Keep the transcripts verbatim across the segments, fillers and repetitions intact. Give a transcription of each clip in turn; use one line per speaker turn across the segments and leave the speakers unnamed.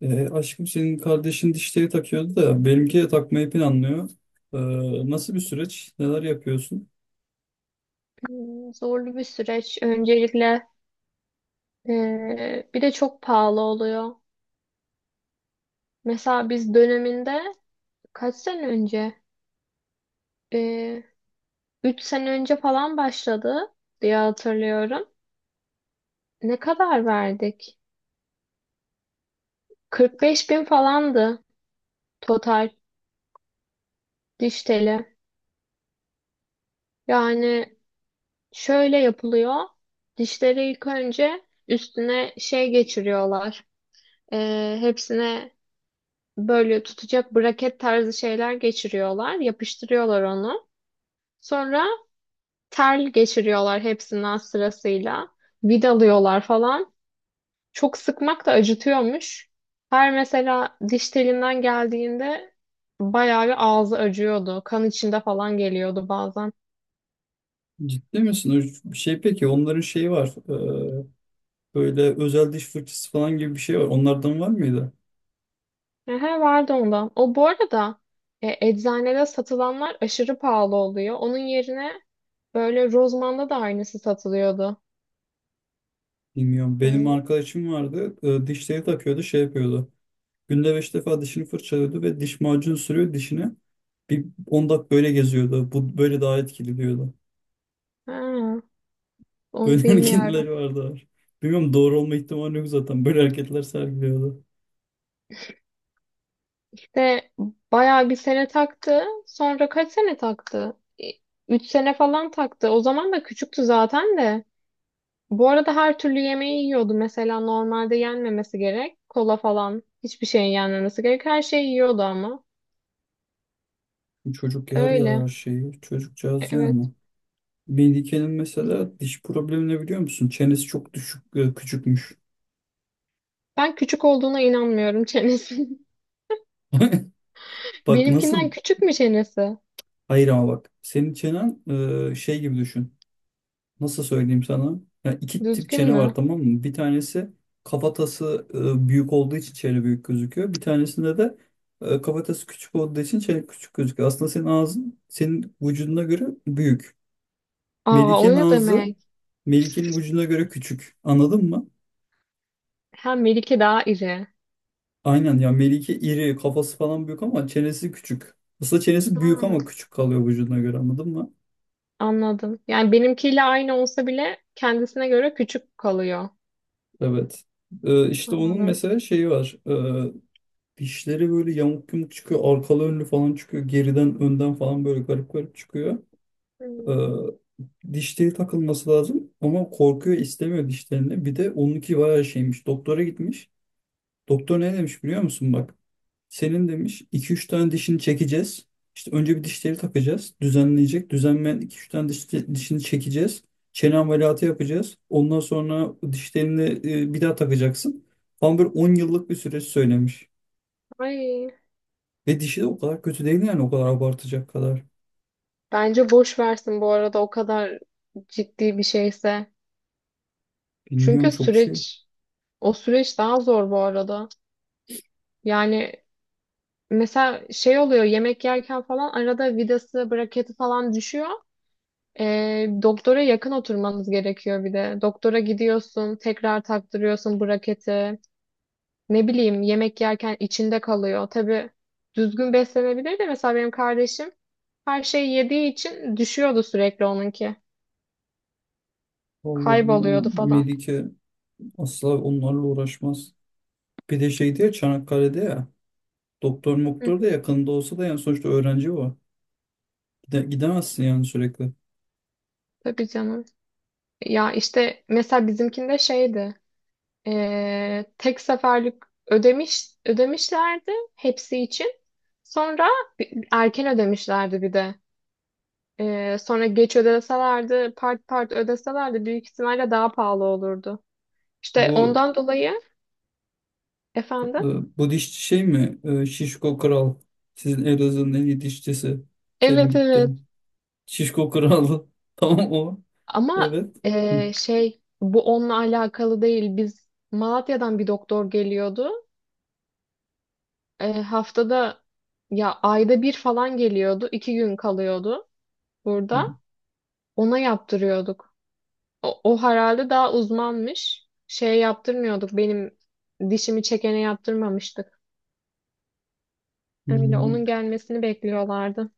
E, aşkım senin kardeşin dişleri takıyordu da benimki de takmayı planlıyor. E, Nasıl bir süreç? Neler yapıyorsun?
Hmm, Zorlu bir süreç. Öncelikle eee, bir de çok pahalı oluyor. Mesela biz döneminde kaç sene önce? Eee üç sene önce falan başladı diye hatırlıyorum. Ne kadar verdik? Kırk beş bin falandı, total diş teli. Yani şöyle yapılıyor. Dişleri ilk önce üstüne şey geçiriyorlar. Eee, hepsine böyle tutacak braket tarzı şeyler geçiriyorlar. Yapıştırıyorlar onu. Sonra tel geçiriyorlar hepsinden sırasıyla. Vidalıyorlar falan. Çok sıkmak da acıtıyormuş. Her mesela diş telinden geldiğinde bayağı bir ağzı acıyordu. Kan içinde falan geliyordu bazen.
Ciddi misin? O şey peki onların şeyi var. E, Böyle özel diş fırçası falan gibi bir şey var. Onlardan var mıydı?
Ehe, vardı ondan. O bu arada e, eczanede satılanlar aşırı pahalı oluyor. Onun yerine böyle Rozman'da da aynısı satılıyordu.
Bilmiyorum.
E,
Benim arkadaşım vardı. E, dişleri takıyordu şey yapıyordu. Günde beş defa dişini fırçalıyordu ve diş macunu sürüyor dişine. Bir on dakika böyle geziyordu. Bu böyle daha etkili diyordu.
ha, onu
Böyle
bilmiyorum.
hareketleri vardı. Bilmiyorum doğru olma ihtimali yok zaten. Böyle hareketler sergiliyordu.
De bayağı bir sene taktı. Sonra kaç sene taktı? E, Üç sene falan taktı. O zaman da küçüktü zaten de. Bu arada her türlü yemeği yiyordu. Mesela normalde yenmemesi gerek. Kola falan. Hiçbir şeyin yenmemesi gerek. Her şeyi yiyordu ama.
Çocuk yer ya
Öyle.
her şeyi
E,
çocukcağız
Evet.
yani. Melike'nin mesela diş problemi ne biliyor musun? Çenesi çok düşük e, küçükmüş.
Ben küçük olduğuna inanmıyorum çenesi.
Bak
Benimkinden
nasıl
küçük mü çenesi?
hayır ama bak senin çenen e, şey gibi düşün. Nasıl söyleyeyim sana? Ya iki tip
Düzgün
çene var
mü?
tamam mı? Bir tanesi kafatası e, büyük olduğu için çene büyük gözüküyor. Bir tanesinde de e, kafatası küçük olduğu için çene küçük gözüküyor. Aslında senin ağzın senin vücuduna göre büyük.
Aa, o
Melike'nin
ne
ağzı
demek?
Melike'nin vücuduna göre küçük. Anladın mı?
Ha, Melike daha iri.
Aynen ya Melike iri kafası falan büyük ama çenesi küçük. Aslında çenesi büyük
Hmm,
ama küçük kalıyor vücuduna göre anladın mı?
anladım. Yani benimkiyle aynı olsa bile kendisine göre küçük kalıyor.
Evet. Ee, işte onun
Anladım.
mesela şeyi var. Ee, dişleri böyle yamuk yumuk çıkıyor. Arkalı önlü falan çıkıyor. Geriden önden falan böyle garip garip çıkıyor.
Hmm.
Ee, Dişleri takılması lazım ama korkuyor istemiyor dişlerini. Bir de onunki bayağı şeymiş. Doktora gitmiş. Doktor ne demiş biliyor musun bak? Senin demiş iki üç tane dişini çekeceğiz. İşte önce bir dişleri takacağız. Düzenleyecek. Düzenleyen iki üç tane diş, dişini çekeceğiz. Çene ameliyatı yapacağız. Ondan sonra dişlerini e, bir daha takacaksın. Falan böyle on yıllık bir süreç söylemiş.
Ay,
Ve dişi de o kadar kötü değil yani o kadar abartacak kadar.
bence boş versin bu arada, o kadar ciddi bir şeyse.
Bilmiyorum
Çünkü
çok şey.
süreç, o süreç daha zor bu arada. Yani mesela şey oluyor, yemek yerken falan arada vidası, braketi falan düşüyor. Ee, doktora yakın oturmanız gerekiyor bir de. Doktora gidiyorsun, tekrar taktırıyorsun braketi. Ne bileyim, yemek yerken içinde kalıyor. Tabii düzgün beslenebilir de, mesela benim kardeşim her şeyi yediği için düşüyordu sürekli onunki.
Vallahi
Kayboluyordu
bilmiyorum.
falan.
Melike asla onlarla uğraşmaz. Bir de şeydi ya Çanakkale'de ya. Doktor
Hı
moktor
hı.
da yakında olsa da yani sonuçta öğrenci o. Gide- Gidemezsin yani sürekli.
Tabii canım. Ya işte mesela bizimkinde şeydi. Eee, tek seferlik ödemiş ödemişlerdi hepsi için. Sonra erken ödemişlerdi bir de. Eee, sonra geç ödeselerdi, part part ödeselerdi büyük ihtimalle daha pahalı olurdu. İşte
Bu
ondan dolayı efendim.
Ee, Bu dişçi şey mi? Ee, Şişko Kral. Sizin Elazığ'ın en iyi dişçisi. Senin
Evet, evet.
gittiğin. Şişko Kral. Tamam o.
Ama
Evet. Hı,
eee, şey, bu onunla alakalı değil. Biz, Malatya'dan bir doktor geliyordu. E, haftada ya ayda bir falan geliyordu. iki gün kalıyordu
tamam.
burada. Ona yaptırıyorduk. O, o herhalde daha uzmanmış. Şey yaptırmıyorduk. Benim dişimi çekene yaptırmamıştık. Öyle, onun
Bilmiyorum.
gelmesini bekliyorlardı.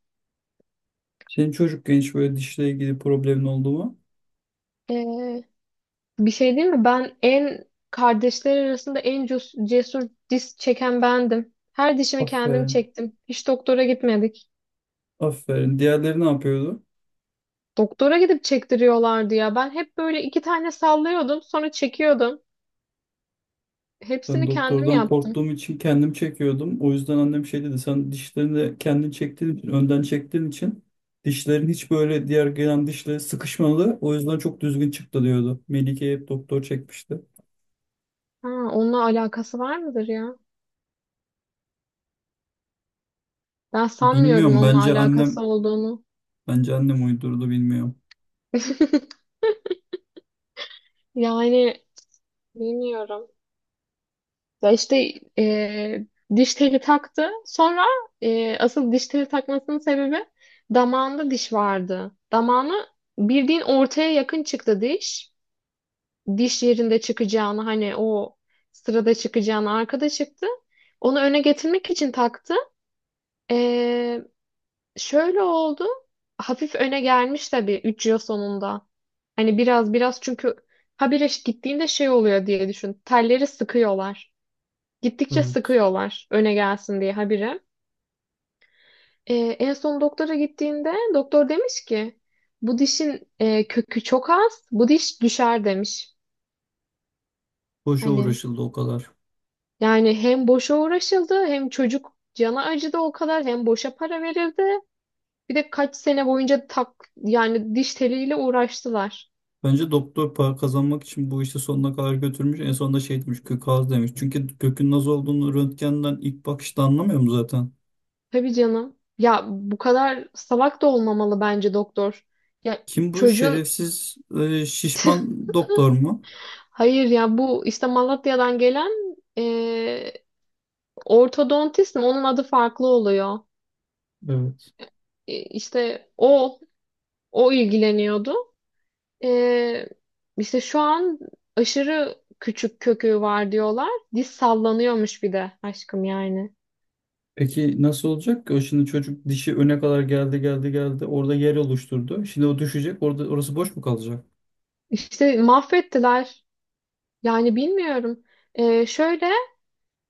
Senin çocuk genç böyle dişle ilgili problemin oldu mu?
E, Bir şey değil mi? Ben en, kardeşler arasında en cus- cesur diş çeken bendim. Her dişimi kendim
Aferin.
çektim. Hiç doktora gitmedik.
Aferin. Diğerleri ne yapıyordu?
Doktora gidip çektiriyorlardı ya. Ben hep böyle iki tane sallıyordum, sonra çekiyordum.
Ben
Hepsini kendim
doktordan
yaptım.
korktuğum için kendim çekiyordum. O yüzden annem şey dedi. Sen dişlerini de kendin çektiğin için, önden çektiğin için dişlerin hiç böyle diğer gelen dişlere sıkışmadı. O yüzden çok düzgün çıktı diyordu. Melike'ye hep doktor çekmişti.
Ha, onunla alakası var mıdır ya? Ben sanmıyorum
Bilmiyorum.
onunla
Bence
alakası
annem
olduğunu.
bence annem uydurdu bilmiyorum.
Yani bilmiyorum. Ya işte e, diş teli taktı. Sonra e, asıl diş teli takmasının sebebi, damağında diş vardı. Damağını, bildiğin ortaya yakın çıktı diş. Diş yerinde çıkacağını, hani o sırada çıkacağını, arkada çıktı. Onu öne getirmek için taktı. E, Şöyle oldu. Hafif öne gelmiş tabii üç yıl sonunda. Hani biraz biraz, çünkü habire gittiğinde şey oluyor diye düşün. Telleri sıkıyorlar. Gittikçe
Evet.
sıkıyorlar öne gelsin diye habire. Ee, en son doktora gittiğinde doktor demiş ki, bu dişin e, kökü çok az. Bu diş düşer demiş.
Boşa
Hani,
uğraşıldı o kadar.
yani hem boşa uğraşıldı, hem çocuk cana acıdı o kadar, hem boşa para verildi. Bir de kaç sene boyunca tak, yani diş teliyle uğraştılar.
Bence doktor para kazanmak için bu işi sonuna kadar götürmüş. En sonunda şey demiş kök ağzı demiş. Çünkü kökün nasıl olduğunu röntgenden ilk bakışta anlamıyorum zaten.
Tabii canım. Ya bu kadar salak da olmamalı bence doktor. Ya
Kim bu
çocuğun
şerefsiz e, şişman doktor mu?
Hayır ya, bu işte Malatya'dan gelen e, ortodontist mi? Onun adı farklı oluyor.
Evet.
E, işte o o ilgileniyordu. E, işte şu an aşırı küçük kökü var diyorlar. Diz sallanıyormuş bir de aşkım, yani.
Peki nasıl olacak ki? O şimdi çocuk dişi öne kadar geldi geldi geldi. Orada yer oluşturdu. Şimdi o düşecek. Orada orası boş mu kalacak?
İşte mahvettiler. Yani bilmiyorum. E, şöyle,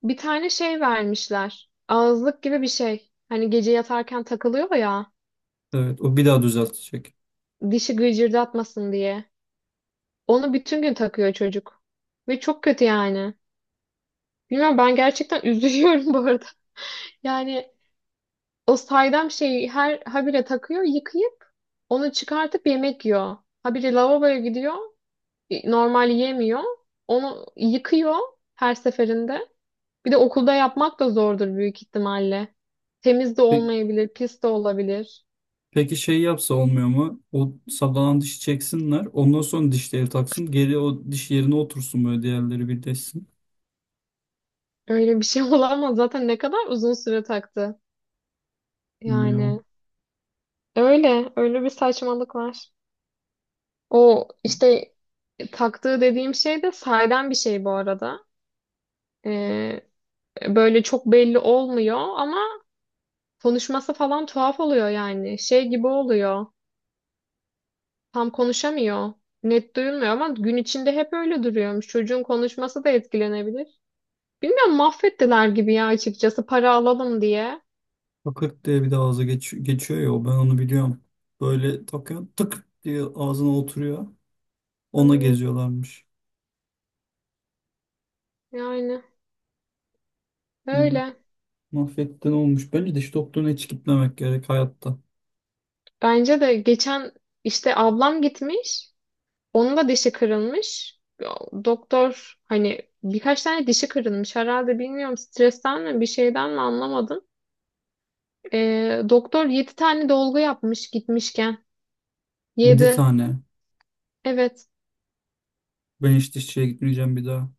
bir tane şey vermişler. Ağızlık gibi bir şey. Hani gece yatarken takılıyor ya.
Evet. O bir daha düzeltecek.
Dişi gıcırdatmasın diye. Onu bütün gün takıyor çocuk. Ve çok kötü yani. Bilmiyorum, ben gerçekten üzülüyorum bu arada. Yani o saydam şeyi her habire takıyor, yıkayıp onu çıkartıp yemek yiyor. Habire lavaboya gidiyor. e, Normal yemiyor. Onu yıkıyor her seferinde. Bir de okulda yapmak da zordur büyük ihtimalle. Temiz de
Pe-
olmayabilir, pis de olabilir.
Peki şey yapsa olmuyor mu? O sallanan dişi çeksinler. Ondan sonra dişleri taksın. Geri o diş yerine otursun böyle diğerleri birleşsin.
Öyle bir şey olamaz. Zaten ne kadar uzun süre taktı. Yani
Bilmiyorum.
öyle, öyle bir saçmalık var. O işte taktığı dediğim şey de sahiden bir şey bu arada. Ee, böyle çok belli olmuyor ama konuşması falan tuhaf oluyor yani. Şey gibi oluyor. Tam konuşamıyor. Net duyulmuyor ama gün içinde hep öyle duruyormuş. Çocuğun konuşması da etkilenebilir. Bilmiyorum, mahvettiler gibi ya açıkçası, para alalım diye.
Takırt diye bir de ağza geç- geçiyor ya o ben onu biliyorum. Böyle takıyor tık diye ağzına oturuyor. Ona
Aynen,
geziyorlarmış.
yani
Bilmiyorum.
öyle.
Mahvetten olmuş. Bence diş doktoruna hiç gitmemek gerek hayatta.
Bence de geçen, işte ablam gitmiş. Onun da dişi kırılmış. Doktor, hani birkaç tane dişi kırılmış herhalde, bilmiyorum stresten mi bir şeyden mi anlamadım. Ee, doktor yedi tane dolgu yapmış gitmişken.
yedi
Yedi.
tane.
Evet.
Ben hiç dişçiye gitmeyeceğim bir daha.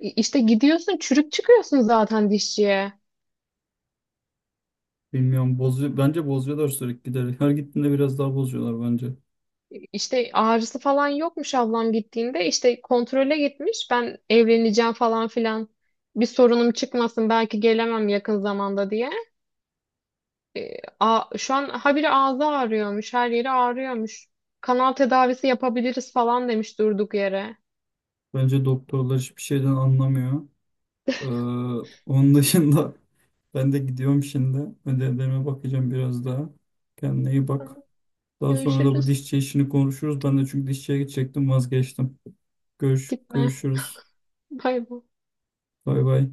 İ- İşte gidiyorsun, çürük çıkıyorsun zaten dişçiye.
Bilmiyorum. Bozuyor. Bence bozuyorlar sürekli giderek. Her gittiğinde biraz daha bozuyorlar bence.
İşte ağrısı falan yokmuş ablam gittiğinde. İşte kontrole gitmiş. Ben evleneceğim falan filan. Bir sorunum çıkmasın belki gelemem yakın zamanda diye. E, a, Şu an habire ağzı ağrıyormuş, her yeri ağrıyormuş. Kanal tedavisi yapabiliriz falan demiş durduk yere.
Bence doktorlar hiçbir şeyden anlamıyor. Ee, Onun dışında ben de gidiyorum şimdi. Ödevlerime bakacağım biraz daha. Kendine iyi bak. Daha sonra da bu
Görüşürüz.
dişçi işini konuşuruz. Ben de çünkü dişçiye gidecektim vazgeçtim. Görüş,
Gitme.
görüşürüz.
Bay bay.
Bay bay.